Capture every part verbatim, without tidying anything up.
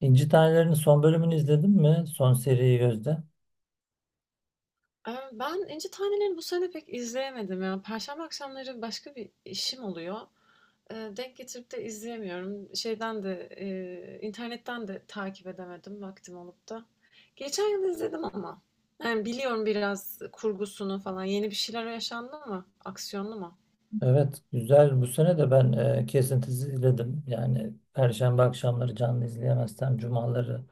İnci Taneleri'nin son bölümünü izledin mi? Son seriyi, Gözde. Eee, ben İnci Taneleri'ni bu sene pek izleyemedim ya. Perşembe akşamları başka bir işim oluyor. Eee, denk getirip de izleyemiyorum. Şeyden de, eee, internetten de takip edemedim vaktim olup da. Geçen yıl izledim ama. Yani biliyorum biraz kurgusunu falan. Yeni bir şeyler yaşandı mı? Aksiyonlu mu? Evet, güzel. Bu sene de ben e, kesintisiz izledim. Yani Perşembe akşamları canlı izleyemezsem cumaları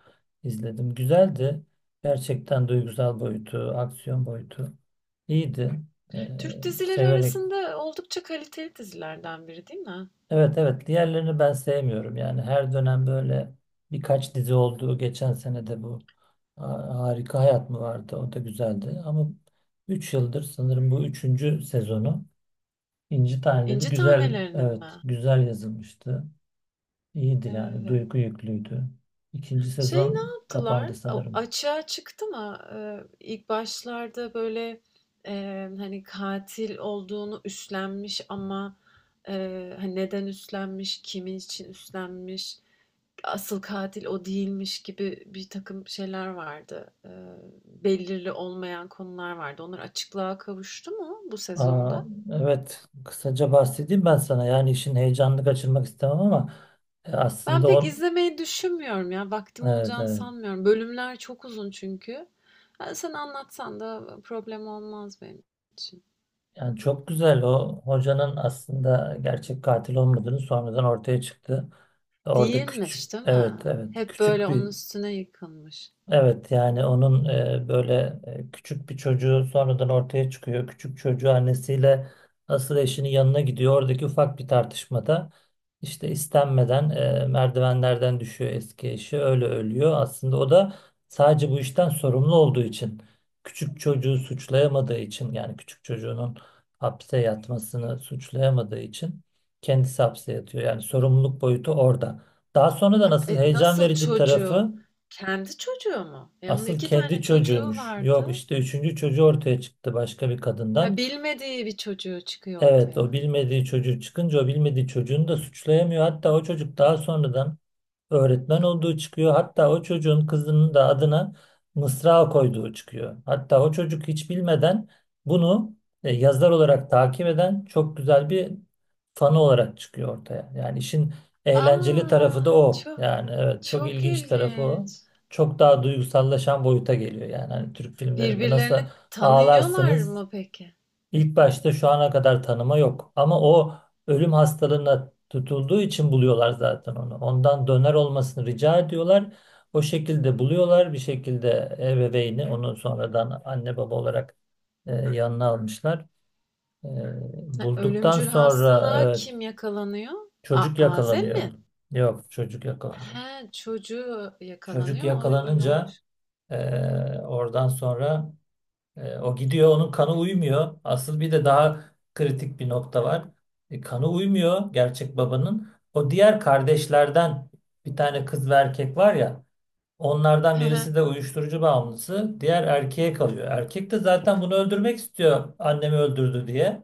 izledim. Güzeldi. Gerçekten duygusal boyutu, aksiyon boyutu iyiydi. E, Türk dizileri severek. arasında oldukça kaliteli dizilerden biri değil mi? Evet, evet, diğerlerini ben sevmiyorum. Yani her dönem böyle birkaç dizi oldu. Geçen sene de bu Ha- Harika Hayat mı vardı? O da güzeldi. Ama üç yıldır sanırım bu üçüncü sezonu. İnci Taneleri İnci güzel, Taneleri'nin evet mi? güzel yazılmıştı. İyiydi yani, Evet. duygu yüklüydü. İkinci Şey ne sezon yaptılar? kapandı O sanırım. açığa çıktı mı? Ee, ilk başlarda böyle e, hani katil olduğunu üstlenmiş ama e, hani neden üstlenmiş, kimin için üstlenmiş, asıl katil o değilmiş gibi bir takım şeyler vardı. Ee, belirli olmayan konular vardı. Onlar açıklığa kavuştu mu bu Aa, sezonda? evet, kısaca bahsedeyim ben sana. Yani işin heyecanını kaçırmak istemem ama e, Ben aslında pek o, izlemeyi düşünmüyorum ya. Vaktim evet olacağını evet. sanmıyorum. Bölümler çok uzun çünkü. Ha, sen anlatsan da problem olmaz benim için. Yani çok güzel, o hocanın aslında gerçek katil olmadığını sonradan ortaya çıktı. Orada küçük, Değilmiş, değil evet mi? evet, Hep böyle küçük bir. onun üstüne yıkılmış. Evet yani onun e, böyle e, küçük bir çocuğu sonradan ortaya çıkıyor. Küçük çocuğu annesiyle asıl eşinin yanına gidiyor. Oradaki ufak bir tartışmada işte istenmeden e, merdivenlerden düşüyor eski eşi. Öyle ölüyor. Aslında o da sadece bu işten sorumlu olduğu için, küçük çocuğu suçlayamadığı için, yani küçük çocuğunun hapse yatmasını suçlayamadığı için kendisi hapse yatıyor. Yani sorumluluk boyutu orada. Daha sonra da Ha, nasıl e, heyecan nasıl verici çocuğu? tarafı. Kendi çocuğu mu? E onun Asıl iki kendi tane çocuğu çocuğumuş. Yok vardı. işte üçüncü çocuğu ortaya çıktı başka bir Ha, kadından. bilmediği bir çocuğu çıkıyor Evet, o ortaya. bilmediği çocuğu çıkınca o bilmediği çocuğunu da suçlayamıyor. Hatta o çocuk daha sonradan öğretmen olduğu çıkıyor. Hatta o çocuğun kızının da adına Mısra koyduğu çıkıyor. Hatta o çocuk hiç bilmeden bunu e, yazar olarak takip eden çok güzel bir fanı olarak çıkıyor ortaya. Yani işin eğlenceli tarafı Aa, da o. çok Yani evet, çok çok ilginç tarafı o. ilginç. Çok daha duygusallaşan boyuta geliyor. Yani hani Türk filmlerinde nasıl Birbirlerini tanıyorlar ağlarsınız. mı peki? İlk başta şu ana kadar tanıma yok. Ama o ölüm hastalığına tutulduğu için buluyorlar zaten onu. Ondan döner olmasını rica ediyorlar. O şekilde buluyorlar. Bir şekilde ebeveyni onu sonradan anne baba olarak e, yanına almışlar. E, Ha, bulduktan ölümcül sonra hastalığa evet, kim yakalanıyor? A çocuk Azem mi? yakalanıyor. Yok, çocuk yakalanıyor. He, çocuğu Çocuk yakalanıyor. O, öyle yakalanınca olur. e, oradan sonra E, o gidiyor, onun kanı uymuyor. Asıl bir de daha kritik bir nokta var. E, kanı uymuyor gerçek babanın. O diğer kardeşlerden bir tane kız ve erkek var ya, onlardan He he. birisi de uyuşturucu bağımlısı, diğer erkeğe kalıyor. Erkek de zaten bunu öldürmek istiyor, annemi öldürdü diye.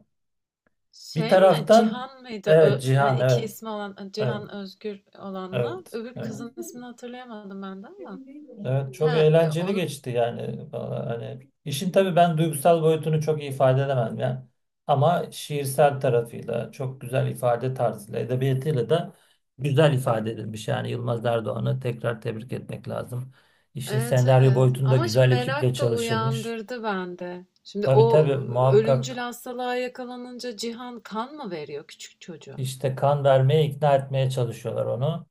Bir Şey mi? taraftan, Cihan mıydı? Ö evet hani Cihan, iki evet, ismi olan evet, Cihan Özgür olanla. evet, Öbür evet. kızın ismini hatırlayamadım ben de ama. Evet, çok He, e, eğlenceli on, geçti yani. Valla hani işin, tabii ben duygusal boyutunu çok iyi ifade edemem yani, ama şiirsel tarafıyla, çok güzel ifade tarzıyla, edebiyatıyla da güzel ifade edilmiş yani. Yılmaz Erdoğan'ı tekrar tebrik etmek lazım. İşin evet senaryo evet. boyutunda Ama şimdi güzel ekiple merak da çalışılmış. uyandırdı bende. Şimdi Tabii o tabii, ölümcül muhakkak hastalığa yakalanınca Cihan kan mı veriyor küçük çocuğa? işte kan vermeye, ikna etmeye çalışıyorlar onu.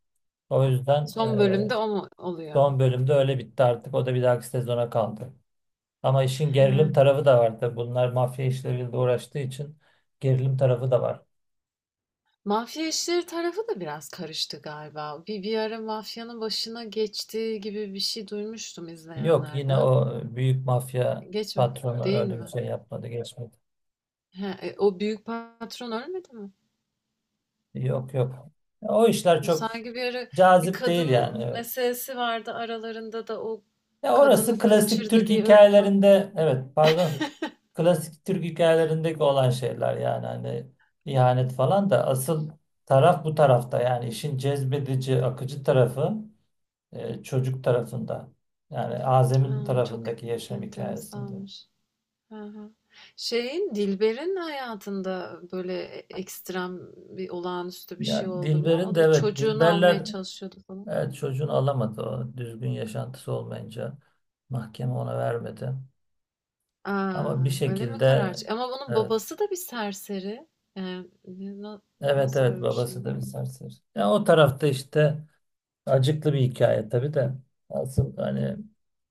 O yüzden Son eee, bölümde o mu oluyor? son bölümde öyle bitti artık, o da bir dahaki sezona kaldı. Ama işin gerilim He. tarafı da var tabii. Bunlar mafya işleriyle uğraştığı için gerilim tarafı da var. Mafya işleri tarafı da biraz karıştı galiba. Bir, bir ara mafyanın başına geçtiği gibi bir şey duymuştum Yok, yine izleyenlerden. o büyük mafya Geç patronu Değil öyle bir mi? şey yapmadı, geçmedi. He, e, o büyük patron ölmedi mi? Yok yok. Ya o işler çok Sanki bir ara bir cazip değil kadın yani. Evet. meselesi vardı aralarında da o Ya orası kadını klasik kaçırdı Türk diye öldü falan. hikayelerinde, evet pardon. Klasik Türk hikayelerindeki olan şeyler yani, hani ihanet falan da, asıl taraf bu tarafta yani, işin cezbedici akıcı tarafı e, çocuk tarafında. Yani Azem'in Aa, çok tarafındaki yaşam hikayesinde. enteresanmış. Hı hı. Şeyin, Dilber'in hayatında böyle ekstrem bir olağanüstü bir şey Ya oldu mu? Dilber'in O de, da bir evet çocuğunu almaya Dilberler, çalışıyordu falan. evet çocuğunu alamadı, o düzgün yaşantısı olmayınca mahkeme ona vermedi. Ama Aa, bir öyle mi karar? şekilde çı- Ama bunun evet, babası da bir serseri. Yani ne- na- evet nasıl evet öyle bir babası şey? da bir serseri. Ya o tarafta işte acıklı bir hikaye tabii de, asıl hani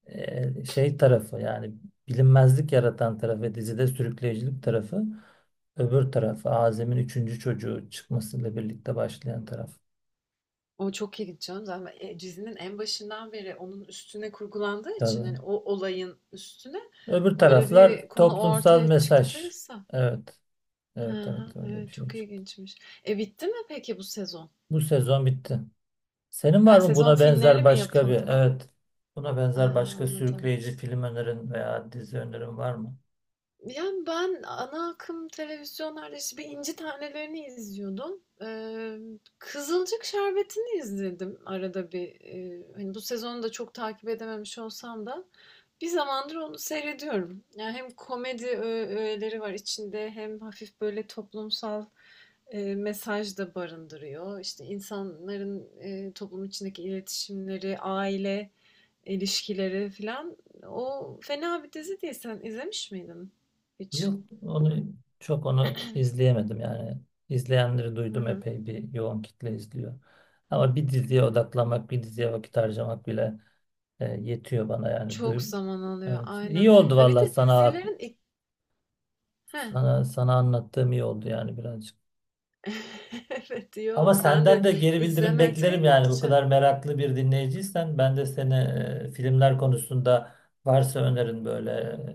e, şey tarafı yani, bilinmezlik yaratan tarafı, dizide sürükleyicilik tarafı. Öbür taraf Azem'in üçüncü çocuğu çıkmasıyla birlikte başlayan taraf. O çok ilginç canım. Zaten e, dizinin en başından beri onun üstüne kurgulandığı için Tabii. hani o olayın üstüne Öbür öyle taraflar bir konu toplumsal ortaya mesaj. çıktıysa. Evet. Hı Evet hı, evet, öyle bir evet, şey çok çıktı. ilginçmiş. E bitti mi peki bu sezon? Bu sezon bitti. Senin Ha, var mı sezon buna finali benzer mi başka bir, yapıldı? evet, buna Ay, benzer başka anladım. sürükleyici film önerin veya dizi önerin var mı? Yani ben ana akım televizyonlarda işte bir İnci Taneleri'ni izliyordum. Ee, Kızılcık Şerbeti'ni izledim arada bir. Ee, hani bu sezonu da çok takip edememiş olsam da bir zamandır onu seyrediyorum. Yani hem komedi ö- öğeleri var içinde hem hafif böyle toplumsal e, mesaj da barındırıyor. İşte insanların e, toplum içindeki iletişimleri, aile ilişkileri filan. O fena bir dizi değil. Sen izlemiş miydin hiç? Yok onu, çok onu izleyemedim yani. İzleyenleri Hı duydum, hı. epey bir yoğun kitle izliyor. Ama bir diziye odaklanmak, bir diziye vakit harcamak bile, E, yetiyor bana yani. Çok Duy, zaman alıyor evet. İyi aynen. oldu Ya bir vallahi, de sana dizilerin ilk... Heh. sana sana anlattığım iyi oldu yani, birazcık. Evet iyi Ama oldu. Ben senden de de geri bildirim beklerim izlemediğim yani, bu için. kadar meraklı bir dinleyiciysen ben de seni e, filmler konusunda, varsa önerin, böyle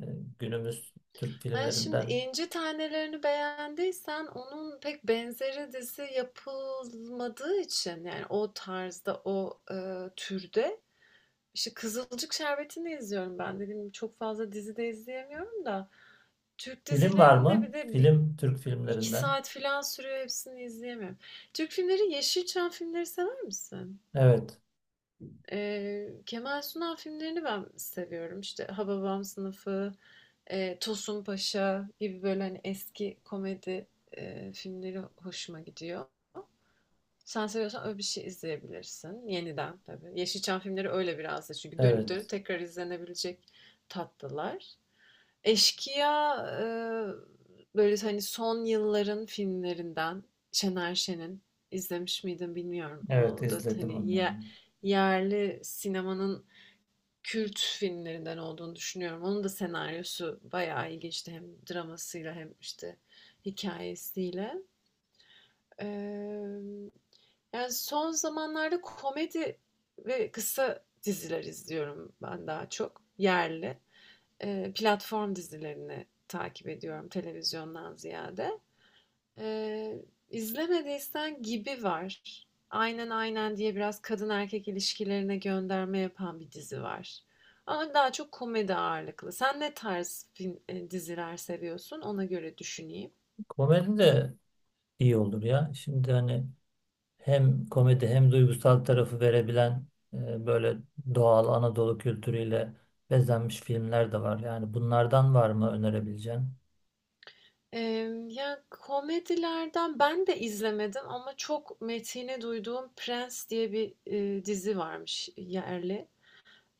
e, günümüz Türk Ha, şimdi filmlerinden. İnci Tanelerini beğendiysen onun pek benzeri dizi yapılmadığı için yani o tarzda o e, türde işte Kızılcık Şerbeti'ni izliyorum ben. Dediğim gibi çok fazla dizi de izleyemiyorum da Türk Film var dizilerinde bir mı? de bi- Film, Türk iki filmlerinden. saat filan sürüyor hepsini izleyemem. Türk filmleri, Yeşilçam filmleri sever misin? Evet. Ee, Kemal Sunal filmlerini ben seviyorum. İşte Hababam Sınıfı, e, Tosun Paşa gibi böyle hani eski komedi e, filmleri hoşuma gidiyor. Sen seviyorsan öyle bir şey izleyebilirsin. Yeniden tabii. Yeşilçam filmleri öyle biraz da çünkü dönüp dönüp Evet. tekrar izlenebilecek tatlılar. Eşkıya, eee, böyle, hani, son yılların filmlerinden Şener Şen'in. İzlemiş miydin bilmiyorum. Evet O da, izledim hani, onları. ye yerli sinemanın kült filmlerinden olduğunu düşünüyorum. Onun da senaryosu bayağı ilginçti hem dramasıyla hem, işte, hikayesiyle. Emm, yani, son zamanlarda komedi ve kısa diziler izliyorum ben daha çok yerli. Eee, platform dizilerini takip ediyorum televizyondan ziyade. Eee, İzlemediysen Gibi var. Aynen Aynen diye biraz kadın erkek ilişkilerine gönderme yapan bir dizi var. Ama daha çok komedi ağırlıklı. Sen ne tarz film, e, diziler seviyorsun? Ona göre düşüneyim. Komedi de iyi olur ya. Şimdi hani hem komedi hem duygusal tarafı verebilen, e, böyle doğal Anadolu kültürüyle bezenmiş filmler de var. Yani bunlardan var mı önerebileceğin? Eee, ya komedilerden ben de izlemedim ama çok metini duyduğum Prens diye bir e, dizi varmış yerli.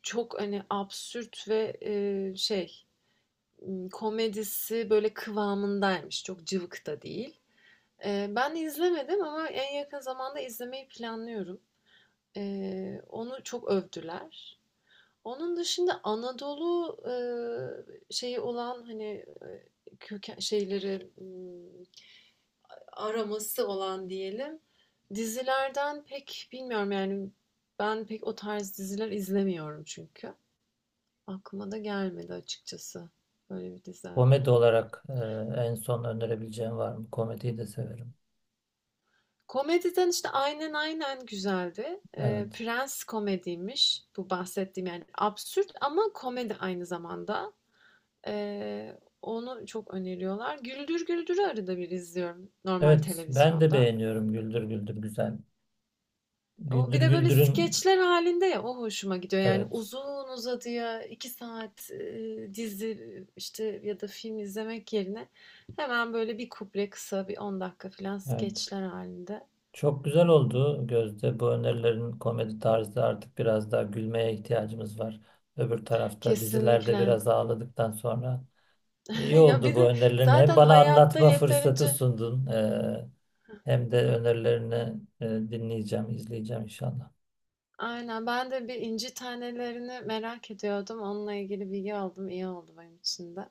Çok hani absürt ve e, şey ım, komedisi böyle kıvamındaymış. Çok cıvık da değil. Ee, ben izlemedim ama en yakın zamanda izlemeyi planlıyorum. Ee, onu çok övdüler. Onun dışında Anadolu e, şeyi olan hani e, köken şeyleri ım, araması olan diyelim. Dizilerden pek bilmiyorum yani ben pek o tarz diziler izlemiyorum çünkü. Aklıma da gelmedi açıkçası. Böyle bir dizi. Komedi olarak e, en son önerebileceğin var mı? Komediyi de severim. Komediden işte Aynen Aynen güzeldi. Ee, Evet. Prens komediymiş bu bahsettiğim yani absürt ama komedi aynı zamanda. Ee, onu çok öneriyorlar. Güldür Güldür'ü arada bir izliyorum normal Evet, ben de televizyonda. beğeniyorum, Güldür Güldür güzel. O Güldür bir de böyle Güldür'ün, skeçler halinde ya o hoşuma gidiyor. Yani evet. uzun uzadıya iki saat e, dizi işte ya da film izlemek yerine hemen böyle bir kuple kısa bir on dakika falan skeçler Evet. halinde. Çok güzel oldu Gözde. Bu önerilerin komedi tarzı, artık biraz daha gülmeye ihtiyacımız var. Öbür tarafta dizilerde Kesinlikle. biraz ağladıktan sonra. İyi Ya oldu bu bizi önerilerini. Hem zaten bana hayatta anlatma fırsatı yeterince... sundun, eee, hem de önerilerini eee, dinleyeceğim, izleyeceğim inşallah. Aynen, ben de bir inci tanelerini merak ediyordum. Onunla ilgili bilgi aldım. İyi oldu benim için de.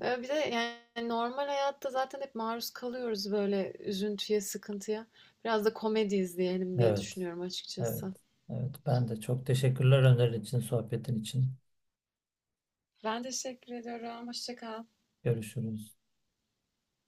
Ve bir de yani normal hayatta zaten hep maruz kalıyoruz böyle üzüntüye, sıkıntıya. Biraz da komedi izleyelim diye Evet, düşünüyorum evet, açıkçası. evet. Ben de çok teşekkürler, önerin için, sohbetin için. Ben teşekkür ediyorum. Hoşça kal. Görüşürüz.